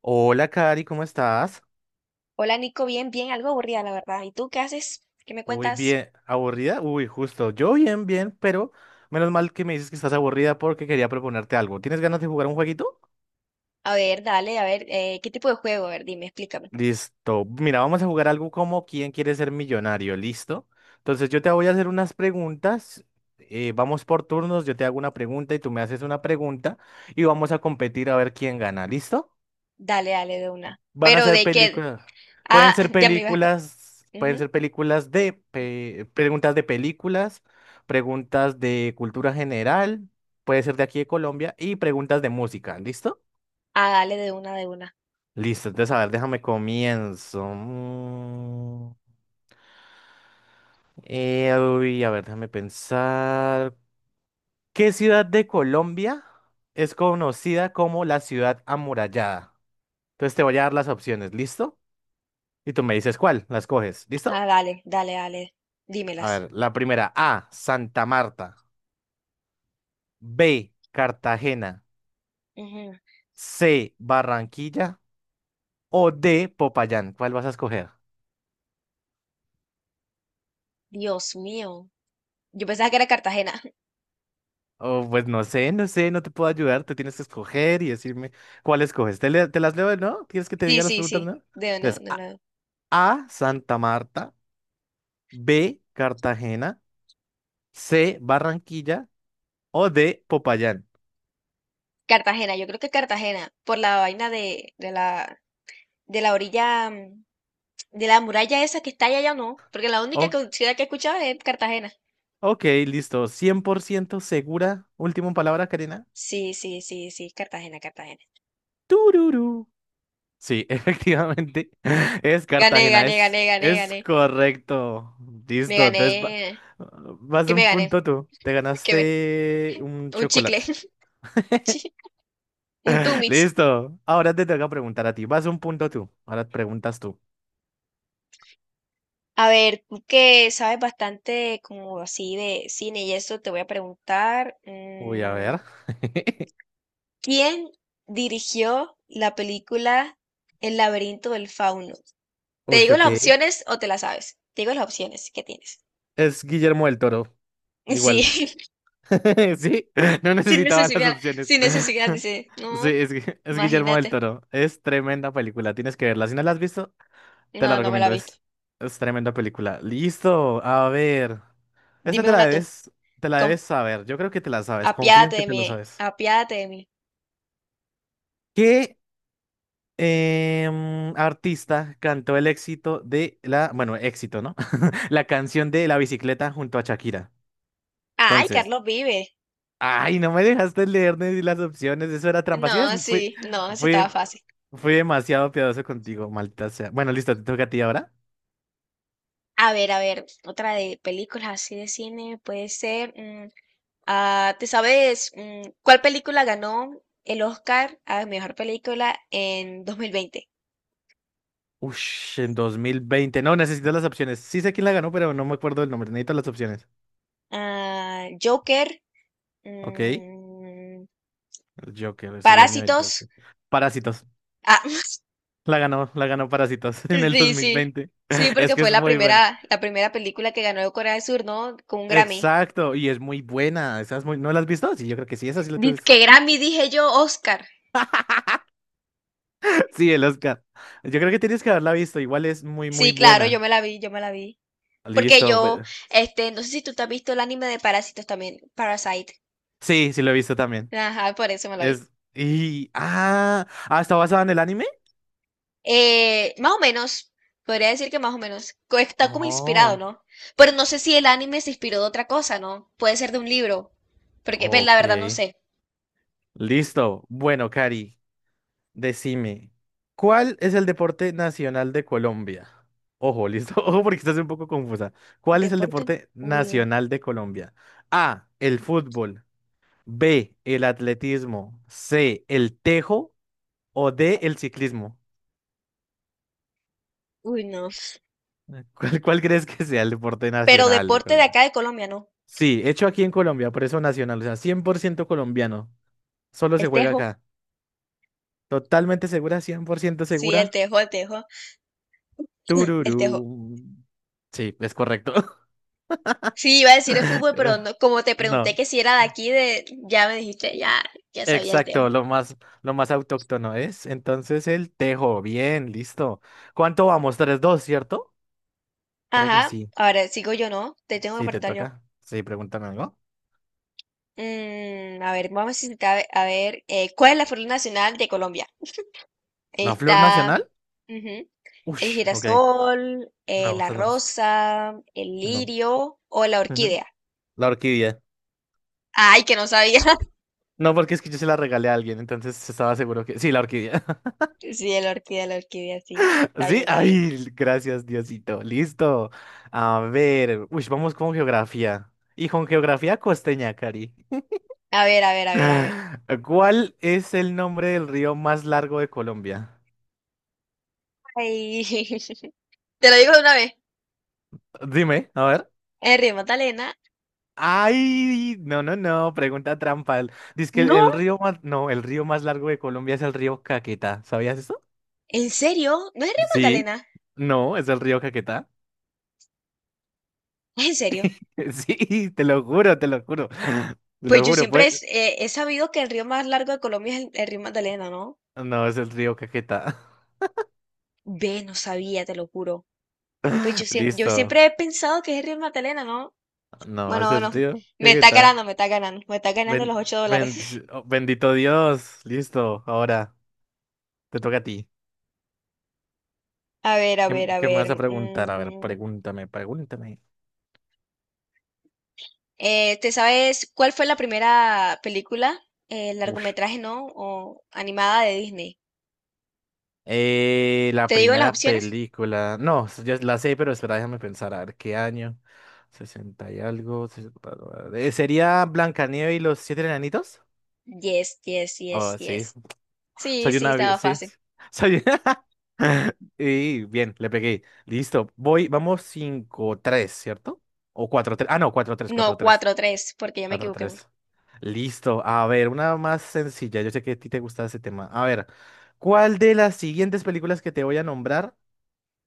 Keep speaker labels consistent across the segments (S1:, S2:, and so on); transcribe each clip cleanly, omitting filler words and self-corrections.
S1: Hola, Cari, ¿cómo estás?
S2: Hola Nico, bien, bien, algo aburrida la verdad. ¿Y tú qué haces? ¿Qué me
S1: Uy,
S2: cuentas?
S1: bien, ¿aburrida? Uy, justo, yo bien, bien, pero menos mal que me dices que estás aburrida porque quería proponerte algo. ¿Tienes ganas de jugar un jueguito?
S2: A ver, dale, a ver, ¿qué tipo de juego? A ver, dime, explícame.
S1: Listo. Mira, vamos a jugar algo como ¿Quién quiere ser millonario? ¿Listo? Entonces yo te voy a hacer unas preguntas. Vamos por turnos, yo te hago una pregunta y tú me haces una pregunta y vamos a competir a ver quién gana. ¿Listo?
S2: Dale, dale de una.
S1: Van a
S2: ¿Pero
S1: ser
S2: de qué?
S1: películas.
S2: Ah,
S1: Pueden ser
S2: ya me iba a explicar.
S1: películas, pueden
S2: Ujú.
S1: ser películas preguntas de películas, preguntas de cultura general, puede ser de aquí de Colombia y preguntas de música, ¿listo?
S2: Ah, dale de una, de una.
S1: Listo, entonces a
S2: Bueno.
S1: ver, déjame comienzo. Uy, a ver, déjame pensar. ¿Qué ciudad de Colombia es conocida como la ciudad amurallada? Entonces te voy a dar las opciones, ¿listo? Y tú me dices cuál, las coges, ¿listo?
S2: Ah, dale, dale, dale.
S1: A
S2: Dímelas.
S1: ver, la primera, A, Santa Marta; B, Cartagena;
S2: Ujú.
S1: C, Barranquilla o D, Popayán. ¿Cuál vas a escoger?
S2: Dios mío. Yo pensaba que era Cartagena.
S1: Oh, pues no sé, no sé, no te puedo ayudar, te tienes que escoger y decirme cuál escoges. Te las leo, ¿no? ¿Quieres que te
S2: Sí,
S1: diga las
S2: sí,
S1: preguntas,
S2: sí.
S1: no?
S2: De no,
S1: Entonces,
S2: no, no.
S1: A, Santa Marta; B, Cartagena; C, Barranquilla o D, Popayán.
S2: Cartagena, yo creo que Cartagena, por la vaina de, de la orilla, de la muralla esa que está allá, ya no, porque
S1: O-
S2: ciudad que he escuchado es Cartagena.
S1: ok, listo, 100% segura. Última palabra, Karina.
S2: Sí, sí, sí, sí, Cartagena, Cartagena.
S1: Tururú. Sí, efectivamente. Es
S2: Gané,
S1: Cartagena,
S2: gané,
S1: es,
S2: gané, gané,
S1: es
S2: gané.
S1: correcto.
S2: Me
S1: Listo, entonces
S2: gané.
S1: vas
S2: ¿Qué
S1: de
S2: me
S1: un
S2: gané?
S1: punto tú. Te
S2: ¿Qué me?
S1: ganaste un
S2: Un chicle.
S1: chocolate.
S2: Un chi- un Tumitz.
S1: Listo. Ahora te toca preguntar a ti. Vas un punto tú. Ahora preguntas tú.
S2: A ver, tú que sabes bastante como así de cine y eso, te voy a preguntar,
S1: Uy, a ver.
S2: ¿quién dirigió la película El laberinto del fauno? ¿Te
S1: Uy,
S2: digo
S1: ok.
S2: las opciones o te las sabes? Te digo las opciones que tienes.
S1: Es Guillermo del Toro.
S2: Sí,
S1: Igual. Sí, no
S2: sin
S1: necesitaba las
S2: necesidad,
S1: opciones.
S2: sin necesidad, dice.
S1: Sí,
S2: No,
S1: es Guillermo del
S2: imagínate.
S1: Toro. Es tremenda película. Tienes que verla. Si no la has visto, te
S2: No,
S1: la
S2: no me la he
S1: recomiendo,
S2: visto.
S1: es tremenda película. Listo, a ver. Esta
S2: Dime una tú.
S1: te la
S2: Com-
S1: debes saber. Yo creo que te la sabes, confío en
S2: apiádate
S1: que
S2: de
S1: te la
S2: mí,
S1: sabes.
S2: apiádate de mí.
S1: ¿Qué artista cantó el éxito de la, bueno, éxito, ¿no? La canción de La bicicleta junto a Shakira.
S2: Ay,
S1: Entonces,
S2: Carlos vive.
S1: ay, no me dejaste leer ni las opciones, eso era trampa.
S2: No,
S1: Sí,
S2: sí, no, se
S1: fui,
S2: estaba fácil.
S1: fui demasiado piadoso contigo, maldita sea. Bueno, listo, te toca a ti ahora.
S2: A ver, otra de películas así de cine puede ser. ¿Te sabes cuál película ganó el Oscar a mejor película en 2020?
S1: Ush, en 2020 no, necesito las opciones. Sí sé quién la ganó, pero no me acuerdo del nombre. Necesito las opciones.
S2: Ah, Joker,
S1: Ok. El
S2: mm,
S1: Joker, es el año del
S2: Parásitos.
S1: Joker. Parásitos.
S2: Ah,
S1: La ganó Parásitos en el dos
S2: sí,
S1: mil
S2: sí.
S1: veinte
S2: Sí,
S1: Es
S2: porque
S1: que
S2: fue
S1: es muy buena.
S2: la primera película que ganó Corea del Sur, ¿no? Con un Grammy.
S1: Exacto, y es muy buena. Esa es muy... ¿No la has visto? Sí, yo creo que sí, esa sí la tienes.
S2: Que Grammy, dije yo, Oscar.
S1: Sí, el Oscar. Yo creo que tienes que haberla visto. Igual es muy, muy
S2: Sí, claro, yo
S1: buena.
S2: me la vi, yo me la vi. Porque
S1: Listo,
S2: yo,
S1: bueno.
S2: no sé si tú te has visto el anime de Parásitos también, Parasite.
S1: Sí, sí lo he visto también.
S2: Ajá, por eso me la vi.
S1: Es... Y... Ah, ah, ¿está basada en el anime?
S2: Más o menos, podría decir que más o menos. Está como inspirado,
S1: Oh,
S2: ¿no? Pero no sé si el anime se inspiró de otra cosa, ¿no? Puede ser de un libro. Porque, ve, la
S1: ok.
S2: verdad, no sé.
S1: Listo. Bueno, Cari, decime, ¿cuál es el deporte nacional de Colombia? Ojo, listo. Ojo porque estás un poco confusa. ¿Cuál es el
S2: Deporte,
S1: deporte
S2: uy,
S1: nacional de Colombia? A, el fútbol; B, el atletismo; C, el tejo; o D, el ciclismo.
S2: uy, no.
S1: ¿Cuál crees que sea el deporte
S2: Pero
S1: nacional de
S2: deporte de
S1: Colombia?
S2: acá de Colombia, ¿no?
S1: Sí, hecho aquí en Colombia, por eso nacional, o sea, 100% colombiano. Solo se
S2: El
S1: juega
S2: tejo.
S1: acá. Totalmente segura, 100%
S2: Sí, el
S1: segura.
S2: tejo, el tejo. El tejo.
S1: Tururú. Sí, es correcto.
S2: Sí, iba a decir el fútbol, pero no, como te pregunté
S1: No.
S2: que si era de aquí, de, ya me dijiste, ya, ya sabía el
S1: Exacto,
S2: tejo.
S1: lo más autóctono es. Entonces el tejo, bien, listo. ¿Cuánto vamos? Tres, dos, ¿cierto? Creo que
S2: Ajá,
S1: sí.
S2: ahora sigo yo, ¿no? Te tengo que
S1: Sí, te
S2: preguntar
S1: toca.
S2: yo.
S1: Sí, pregúntame algo.
S2: A ver, vamos a necesitar, a ver, ¿cuál es la flor nacional de Colombia?
S1: ¿La flor
S2: Está,
S1: nacional?
S2: ujú, el
S1: Ush, ok.
S2: girasol,
S1: No,
S2: la
S1: esa no es.
S2: rosa, el
S1: No.
S2: lirio o la
S1: Ujú.
S2: orquídea.
S1: La orquídea.
S2: Ay, que no sabía.
S1: No, porque es que yo se la regalé a alguien, entonces estaba seguro que... Sí, la orquídea.
S2: Sí, la orquídea, sí. Está bien,
S1: Sí,
S2: está bien.
S1: ay, gracias, Diosito. Listo. A ver, uy, vamos con geografía. Y con geografía costeña, Cari.
S2: A ver, a ver, a ver, a ver.
S1: ¿Cuál es el nombre del río más largo de Colombia?
S2: Ay. Te lo digo de una vez.
S1: Dime, a ver.
S2: En Río Magdalena.
S1: Ay, no, no, no, pregunta trampa. Dice que el,
S2: No,
S1: el río más, no, el río más largo de Colombia es el río Caquetá. ¿Sabías eso?
S2: ¿en serio? ¿No es el río
S1: Sí.
S2: Magdalena?
S1: No, es el río Caquetá.
S2: ¿Es en serio?
S1: Sí, te lo juro, te lo juro. Te
S2: Pues
S1: lo
S2: yo
S1: juro,
S2: siempre
S1: pues.
S2: es- eh, he sabido que el río más largo de Colombia es el río Magdalena, ¿no?
S1: No, es el río Caquetá.
S2: Ve, no sabía, te lo juro. Pues yo, siem- yo
S1: Listo.
S2: siempre he pensado que es el río Magdalena, ¿no?
S1: No,
S2: Bueno,
S1: es el
S2: bueno,
S1: río
S2: me está
S1: Caquetá.
S2: ganando, me está ganando, me está ganando
S1: Ben-
S2: los 8 dólares.
S1: ben- oh, bendito Dios. Listo, ahora te toca a ti.
S2: A ver, a
S1: ¿Qué,
S2: ver, a
S1: qué me
S2: ver.
S1: vas a preguntar? A ver, pregúntame, pregúntame.
S2: ¿Te sabes cuál fue la primera película,
S1: Ush.
S2: largometraje, ¿no? O animada de Disney.
S1: La
S2: ¿Te digo las
S1: primera
S2: opciones?
S1: película. No, ya la sé, pero espera, déjame pensar. A ver, ¿qué año? 60 y algo. 60, ¿sería Blancanieves y los siete enanitos?
S2: Yes, yes, yes,
S1: Oh, sí.
S2: yes. Sí,
S1: Soy
S2: sí,
S1: una...
S2: estaba
S1: Sí.
S2: fácil.
S1: Soy... Y bien, le pegué. Listo. Voy, vamos cinco tres, ¿cierto? O cuatro tres. Ah, no, cuatro tres, cuatro
S2: No,
S1: tres.
S2: 4-3 porque ya me
S1: Mata
S2: equivoqué.
S1: tres. Listo. A ver, una más sencilla. Yo sé que a ti te gusta ese tema. A ver, ¿cuál de las siguientes películas que te voy a nombrar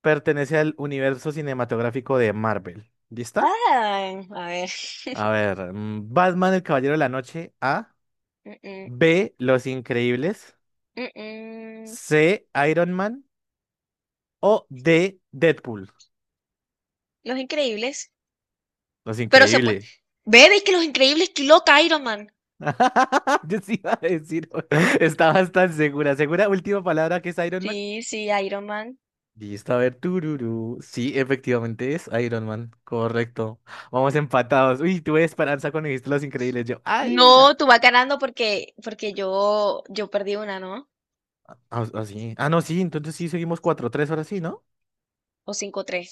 S1: pertenece al universo cinematográfico de Marvel? ¿Lista?
S2: Ah, a ver.
S1: A ver, Batman, el Caballero de la Noche, A;
S2: Mm, mm,
S1: B, Los Increíbles;
S2: mm, mm.
S1: C, Iron Man; o D, Deadpool.
S2: Los Increíbles.
S1: Los
S2: Pero se puede.
S1: Increíbles.
S2: Ve, ve que Los Increíbles pilota Iron Man.
S1: Yo sí iba a decir, estaba tan segura. ¿Segura? Última palabra que es Iron Man.
S2: Sí, sí, Iron Man.
S1: Listo, a ver, tururú. Sí, efectivamente es Iron Man, correcto. Vamos empatados. Uy, tuve esperanza cuando dijiste Los Increíbles. Yo, ay,
S2: No,
S1: la...
S2: tú vas ganando porque, porque yo perdí una, ¿no?
S1: Ah, ah, sí. Ah, no, sí, entonces sí, seguimos cuatro tres ahora sí, ¿no?
S2: O 5-3,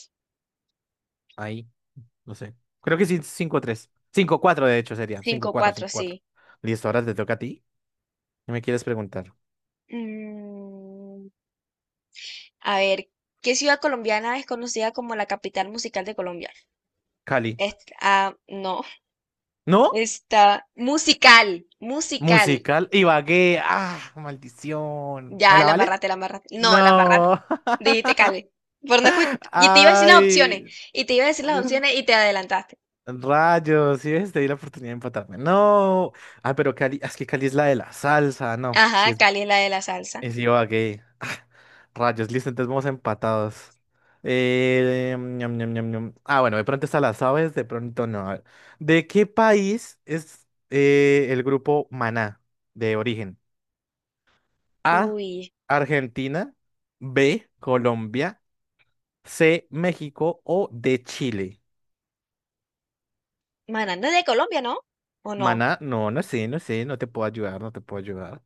S1: Ahí, no sé. Creo que sí, cinco tres, cinco cuatro de hecho, sería. Cinco
S2: cinco
S1: cuatro,
S2: cuatro,
S1: cinco cuatro.
S2: sí.
S1: Listo, ahora te toca a ti. ¿Qué me quieres preguntar?
S2: Mm, a ver, ¿qué ciudad colombiana es conocida como la capital musical de Colombia?
S1: Cali.
S2: Ah, no.
S1: ¿No?
S2: Está musical, musical.
S1: Musical. Ibagué. Ah, maldición. ¿Me
S2: Ya,
S1: la
S2: la
S1: vales?
S2: embarraste, la embarraste. No, la embarraste.
S1: No.
S2: Dijiste Cali. Por no escu- y te iba a decir las opciones.
S1: Ay.
S2: Y te iba a decir las opciones y te adelantaste.
S1: Rayos, sí ves, te di la oportunidad de empatarme. No. Ah, pero Cali, es que Cali es la de la salsa, no. Si
S2: Ajá,
S1: es,
S2: Cali es la de la salsa.
S1: es Ibagué. Ah, rayos, listo, entonces vamos empatados. Ñam, ñam, ñam, ñam. Ah, bueno, de pronto está las aves, de pronto no. A ver. ¿De qué país es el grupo Maná de origen? A,
S2: Uy,
S1: Argentina; B, Colombia; C, México o D, Chile.
S2: Maná no es de Colombia, ¿no? ¿O no?
S1: Maná, no, no sé, no sé, no te puedo ayudar, no te puedo ayudar.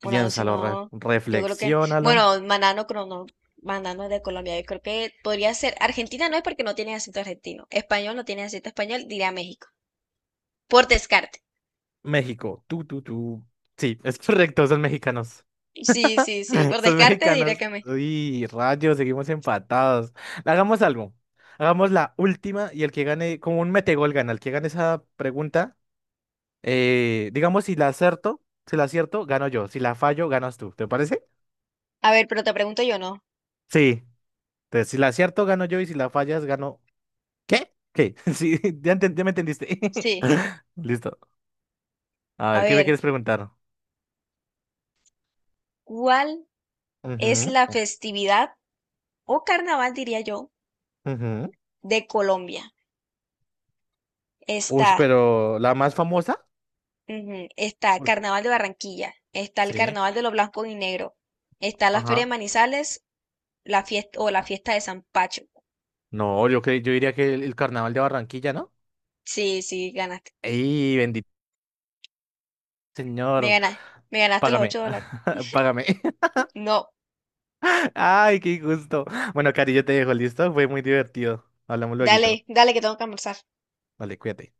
S2: Bueno, si
S1: Piénsalo,
S2: no, yo creo que...
S1: reflexiónalo.
S2: Bueno, Maná no, no, Maná no es de Colombia. Yo creo que podría ser... Argentina no es porque no tiene acento argentino. Español no tiene acento español, diría México. Por descarte.
S1: México, tú, tú, tú. Sí, es correcto, son mexicanos.
S2: Sí, sí, sí. Por
S1: Son
S2: descarte diré
S1: mexicanos.
S2: que México.
S1: Uy, rayos, seguimos empatados. Hagamos algo. Hagamos la última y el que gane, como un metegol gana. El que gane esa pregunta, digamos, si la acierto, si la acierto, gano yo. Si la fallo, ganas tú. ¿Te parece?
S2: A ver, pero te pregunto yo, ¿no?
S1: Sí. Entonces, si la acierto, gano yo y si la fallas, gano. ¿Qué? ¿Qué? Sí, ya, ya me entendiste.
S2: Sí.
S1: Listo. A
S2: A
S1: ver, ¿qué me
S2: ver,
S1: quieres preguntar?
S2: ¿cuál es
S1: Ujú.
S2: la festividad o carnaval, diría yo,
S1: Ujú.
S2: de Colombia? Está,
S1: Ush, pero la más famosa.
S2: ujú, está
S1: Porque...
S2: Carnaval de Barranquilla, está el
S1: Sí.
S2: Carnaval de los Blancos y Negros, está la Feria de
S1: Ajá.
S2: Manizales, la fiesta o la fiesta de San Pacho.
S1: No, yo diría que el carnaval de Barranquilla, ¿no?
S2: Sí, sí, ganaste.
S1: ¡Ey, bendito
S2: Me
S1: señor!
S2: ganaste. Me ganaste los
S1: Págame,
S2: 8 dólares.
S1: págame.
S2: No,
S1: ¡Ay, qué gusto! Bueno, Cari, yo te dejo, ¿listo? Fue muy divertido. Hablamos
S2: dale,
S1: luego.
S2: dale que tengo que almorzar.
S1: Vale, cuídate.